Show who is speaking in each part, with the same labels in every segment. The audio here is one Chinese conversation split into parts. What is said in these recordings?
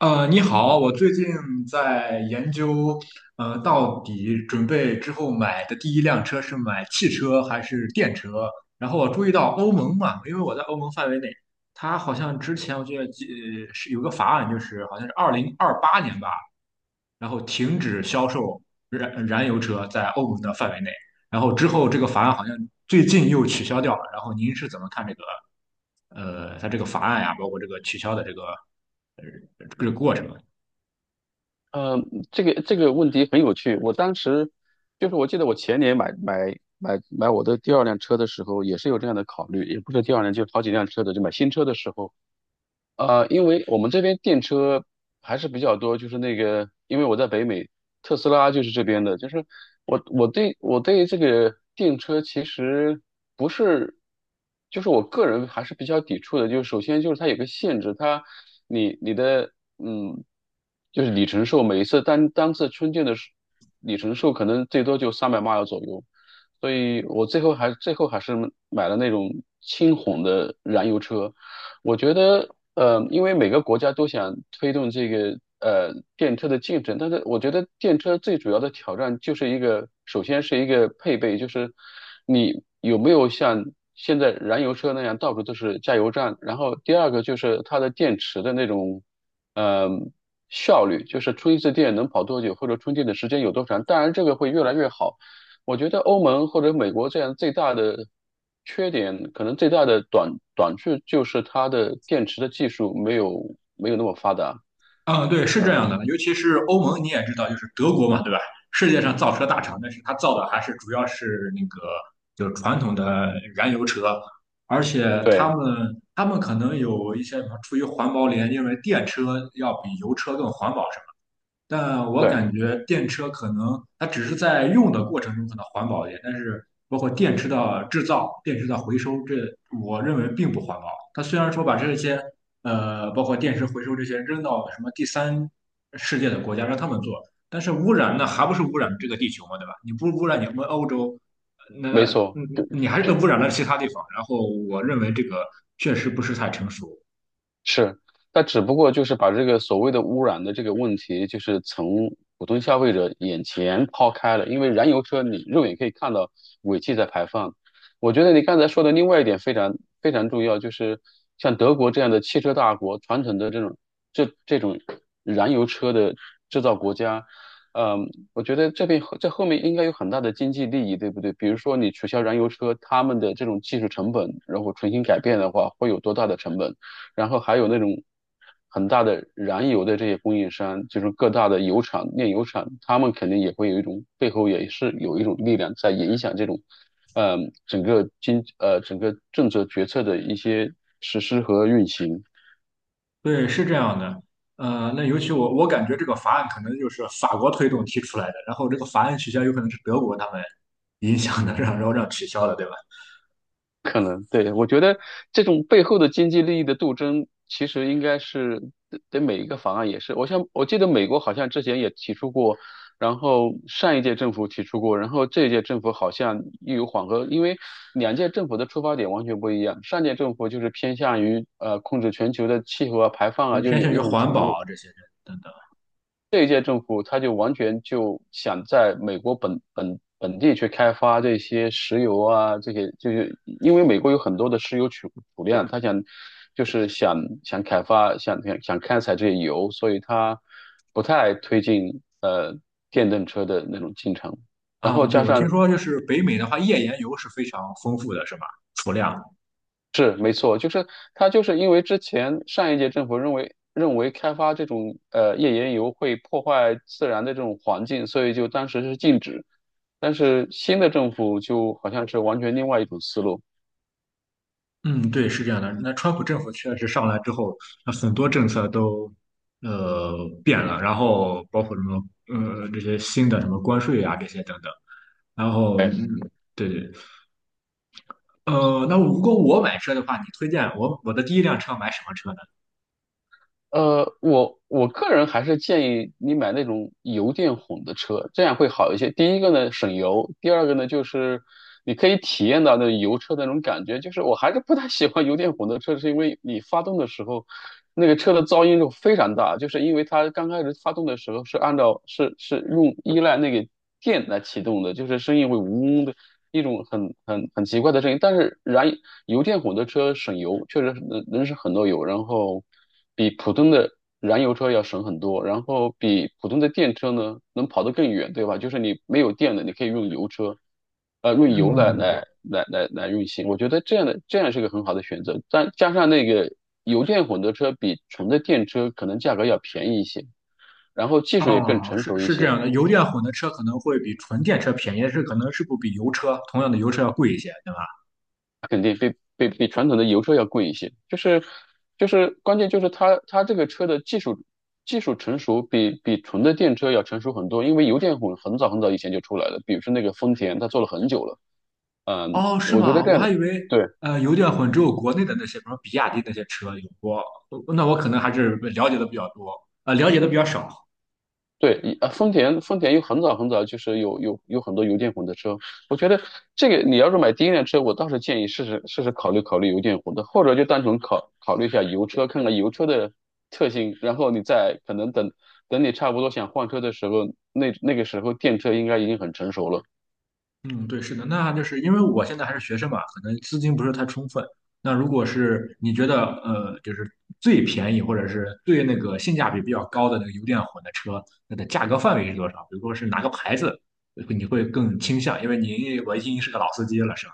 Speaker 1: 你好，我最近在研究，到底准备之后买的第一辆车是买汽车还是电车？然后我注意到欧盟嘛，因为我在欧盟范围内，它好像之前我记得是有个法案，就是好像是2028年吧，然后停止销售燃油车在欧盟的范围内，然后之后这个法案好像最近又取消掉了。然后您是怎么看这个它这个法案呀，包括这个取消的这个呃这个过程？
Speaker 2: 呃，这个问题很有趣。我当时就是我记得我前年买我的第二辆车的时候，也是有这样的考虑，也不是第二辆，就是好几辆车的，就买新车的时候，因为我们这边电车还是比较多，就是那个，因为我在北美，特斯拉就是这边的，就是我对这个电车其实不是，就是我个人还是比较抵触的，就是首先就是它有个限制，它你的嗯，就是里程数，每一次单次充电的时里程数可能最多就300 m i l 左右，所以我最后还是买了那种轻混的燃油车。我觉得，因为每个国家都想推动这个电车的进程，但是我觉得电车最主要的挑战就是一个，首先是一个配备，就是你有没有像现在燃油车那样到处都是加油站，然后第二个就是它的电池的那种，呃，效率，就是充一次电能跑多久，或者充电的时间有多长。当然，这个会越来越好。我觉得欧盟或者美国这样最大的缺点，可能最大的短处就是它的电池的技术没有那么发达。
Speaker 1: 嗯，对，是这样的，尤其是欧盟，你也知道，就是德国嘛，对吧？世界上造车大厂，但是它造的还是主要是那个就是传统的燃油车，而且
Speaker 2: 对
Speaker 1: 他们可能有一些什么出于环保理因为电车要比油车更环保，什么。但我
Speaker 2: 对，
Speaker 1: 感觉电车可能它只是在用的过程中可能环保一点，但是包括电池的制造、电池的回收，这我认为并不环保。它虽然说把这些包括电池回收这些扔到什么第三世界的国家让他们做，但是污染那还不是污染这个地球嘛，对吧？你不污染你们欧洲，那
Speaker 2: 没错。
Speaker 1: 嗯你还是污染了其他地方。然后我认为这个确实不是太成熟。
Speaker 2: 是，但只不过就是把这个所谓的污染的这个问题，就是从普通消费者眼前抛开了。因为燃油车你肉眼可以看到尾气在排放。我觉得你刚才说的另外一点非常非常重要，就是像德国这样的汽车大国，传统的这种燃油车的制造国家，我觉得这后面应该有很大的经济利益，对不对？比如说你取消燃油车，他们的这种技术成本，然后重新改变的话，会有多大的成本？然后还有那种很大的燃油的这些供应商，就是各大的油厂、炼油厂，他们肯定也会有一种背后也是有一种力量在影响这种，整个政策决策的一些实施和运行。
Speaker 1: 对，是这样的，那尤其我感觉这个法案可能就是法国推动提出来的，然后这个法案取消有可能是德国他们影响的，让然后让取消的，对吧？
Speaker 2: 可能对，我觉得这种背后的经济利益的斗争，其实应该是对对每一个方案也是。我像我记得美国好像之前也提出过，然后上一届政府提出过，然后这一届政府好像又有缓和，因为两届政府的出发点完全不一样。上届政府就是偏向于控制全球的气候啊、排放
Speaker 1: 就
Speaker 2: 啊，
Speaker 1: 是
Speaker 2: 就是
Speaker 1: 偏
Speaker 2: 有
Speaker 1: 向于
Speaker 2: 那种
Speaker 1: 环
Speaker 2: 承诺。
Speaker 1: 保啊这些等等
Speaker 2: 这一届政府他就完全就想在美国本地去开发这些石油啊，这些就是因为美国有很多的石油储量，他想就是想开发想开采这些油，所以他不太推进电动车的那种进程。然后
Speaker 1: 啊。对，
Speaker 2: 加
Speaker 1: 我听
Speaker 2: 上
Speaker 1: 说就是北美的话，页岩油是非常丰富的，是吧？储量。
Speaker 2: 是没错，就是它就是因为之前上一届政府认为开发这种页岩油会破坏自然的这种环境，所以就当时是禁止。但是新的政府就好像是完全另外一种思路，
Speaker 1: 嗯，对，是这样的。那川普政府确实上来之后，那很多政策都呃变了，然后包括什么这些新的什么关税啊这些等等，然后嗯，对对。那如果我买车的话，你推荐我的第一辆车买什么车呢？
Speaker 2: 我个人还是建议你买那种油电混的车，这样会好一些。第一个呢省油，第二个呢就是你可以体验到那油车的那种感觉。就是我还是不太喜欢油电混的车，是因为你发动的时候，那个车的噪音就非常大，就是因为它刚开始发动的时候是按照是是用依赖那个电来启动的，就是声音会嗡嗡的。一种很奇怪的声音，但是油电混的车省油，确实能省很多油，然后。比普通的燃油车要省很多，然后比普通的电车呢能跑得更远，对吧？就是你没有电了，你可以用油车，用油来
Speaker 1: 嗯。
Speaker 2: 来来来来运行。我觉得这样是个很好的选择，但加上那个油电混合车比纯的电车可能价格要便宜一些，然后技术也更
Speaker 1: 哦，
Speaker 2: 成
Speaker 1: 是
Speaker 2: 熟一
Speaker 1: 是这
Speaker 2: 些。
Speaker 1: 样的，油电混的车可能会比纯电车便宜，但是可能是不比油车同样的油车要贵一些，对吧？
Speaker 2: 它肯定比传统的油车要贵一些，就是关键就是它这个车的技术技术成熟比纯的电车要成熟很多，因为油电混很早很早以前就出来了，比如说那个丰田，它做了很久了，
Speaker 1: 哦，是
Speaker 2: 我觉得
Speaker 1: 吗？
Speaker 2: 这
Speaker 1: 我
Speaker 2: 样
Speaker 1: 还
Speaker 2: 的。
Speaker 1: 以为
Speaker 2: 对。
Speaker 1: 油电混只有国内的那些，比如比亚迪那些车有过，我那我可能还是了解的比较多，了解的比较少。
Speaker 2: 对，丰田又很早很早就是有很多油电混的车，我觉得这个你要是买第一辆车，我倒是建议试试考虑考虑油电混的，或者就单纯考虑一下油车，看看油车的特性，然后你再可能等等你差不多想换车的时候，那个时候电车应该已经很成熟了。
Speaker 1: 嗯，对，是的，那就是因为我现在还是学生嘛，可能资金不是太充分。那如果是你觉得就是最便宜或者是最那个性价比比较高的那个油电混的车，那的价格范围是多少？比如说是哪个牌子，你会更倾向？因为您我已经是个老司机了，是吧？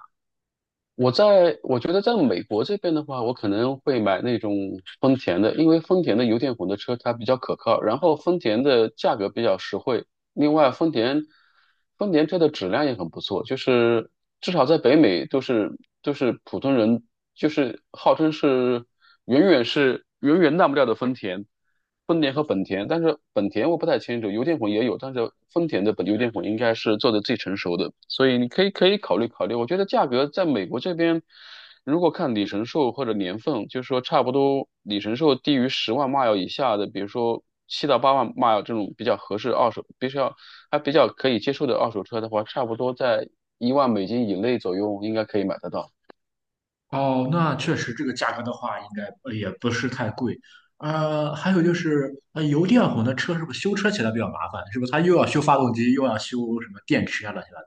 Speaker 2: 我觉得在美国这边的话，我可能会买那种丰田的，因为丰田的油电混的车它比较可靠，然后丰田的价格比较实惠。另外，丰田车的质量也很不错，就是至少在北美都是普通人，就是号称是远远烂不掉的丰田，丰田和本田，但是本田我不太清楚，油电混也有，但是丰田的油电混应该是做的最成熟的，所以你可以考虑考虑，我觉得价格在美国这边。如果看里程数或者年份，就是说差不多里程数低于100,000 mile 以下的，比如说7到8万 mile 这种比较合适二手，必须要还比较可以接受的二手车的话，差不多在10,000美金以内左右应该可以买得到。
Speaker 1: 哦，那确实这个价格的话，应该也不是太贵。还有就是，油电混的车是不是修车起来比较麻烦？是不是它又要修发动机，又要修什么电池啊，乱七八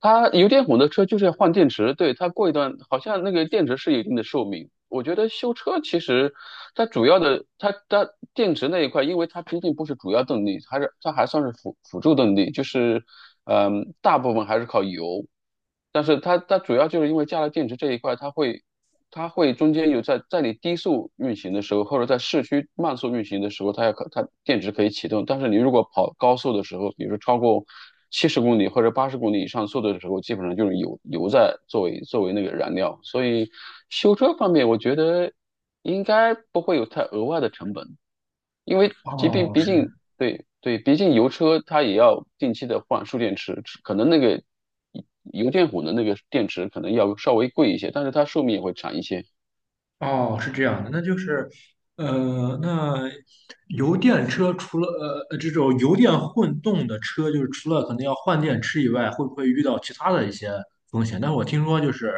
Speaker 2: 它油电混的车就是要换电池，对，它过一段好像那个电池是有一定的寿命。我觉得修车其实它主要的，它电池那一块，因为它毕竟不是主要动力，还是它还算是辅助动力，就是大部分还是靠油，但是它主要就是因为加了电池这一块，它会中间有在你低速运行的时候，或者在市区慢速运行的时候，它电池可以启动。但是你如果跑高速的时候，比如说超过70公里或者80公里以上速度的时候，基本上就是油在作为那个燃料。所以修车方面，我觉得应该不会有太额外的成本，因为
Speaker 1: 糟的？
Speaker 2: 即便
Speaker 1: 哦，
Speaker 2: 毕
Speaker 1: 是。
Speaker 2: 竟对对，毕竟油车它也要定期的换蓄电池，可能那个油电混的那个电池可能要稍微贵一些，但是它寿命也会长一些。
Speaker 1: 哦，是这样的，那就是，那油电车除了这种油电混动的车，就是除了可能要换电池以外，会不会遇到其他的一些风险？但是我听说就是，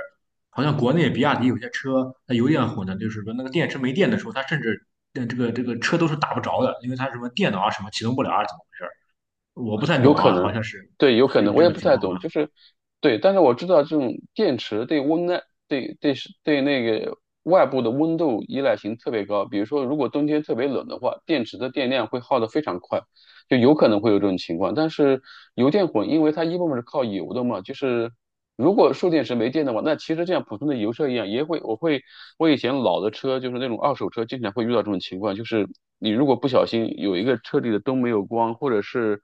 Speaker 1: 好像国内比亚迪有些车它油电混的，就是说那个电池没电的时候，它甚至这个车都是打不着的，因为它什么电脑啊什么启动不了啊，怎么回事儿？我不太
Speaker 2: 有
Speaker 1: 懂
Speaker 2: 可
Speaker 1: 啊，好
Speaker 2: 能，
Speaker 1: 像是
Speaker 2: 对，有可
Speaker 1: 是有
Speaker 2: 能，我
Speaker 1: 这
Speaker 2: 也
Speaker 1: 个
Speaker 2: 不
Speaker 1: 情
Speaker 2: 太
Speaker 1: 况吗？
Speaker 2: 懂，就是，对，但是我知道这种电池对温耐，对对是对那个外部的温度依赖性特别高。比如说，如果冬天特别冷的话，电池的电量会耗得非常快，就有可能会有这种情况。但是油电混，因为它一部分是靠油的嘛，就是如果蓄电池没电的话，那其实就像普通的油车一样，也会，我会，我以前老的车就是那种二手车，经常会遇到这种情况，就是你如果不小心有一个车里的灯没有关，或者是。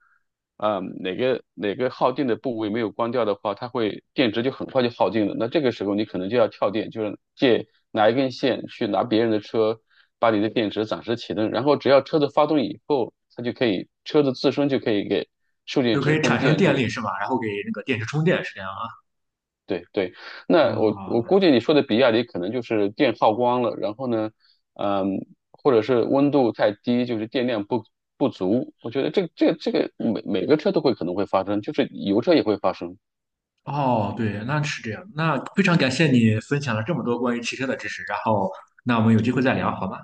Speaker 2: 啊，哪个哪个耗电的部位没有关掉的话，它会电池就很快就耗尽了。那这个时候你可能就要跳电，就是拿一根线去拿别人的车，把你的电池暂时启动，然后只要车子发动以后，它就可以车子自身就可以给蓄电
Speaker 1: 就可
Speaker 2: 池
Speaker 1: 以
Speaker 2: 供
Speaker 1: 产生
Speaker 2: 电，就
Speaker 1: 电
Speaker 2: 是。
Speaker 1: 力是吧？然后给那个电池充电是这样啊？
Speaker 2: 对对，那我
Speaker 1: 啊，
Speaker 2: 估计你说的比亚迪可能就是电耗光了，然后呢，嗯，或者是温度太低，就是电量不足。我觉得这个每个车都会可能会发生，就是油车也会发生。
Speaker 1: 哦，对，那是这样。那非常感谢你分享了这么多关于汽车的知识，然后那我们有机会再聊，好吗？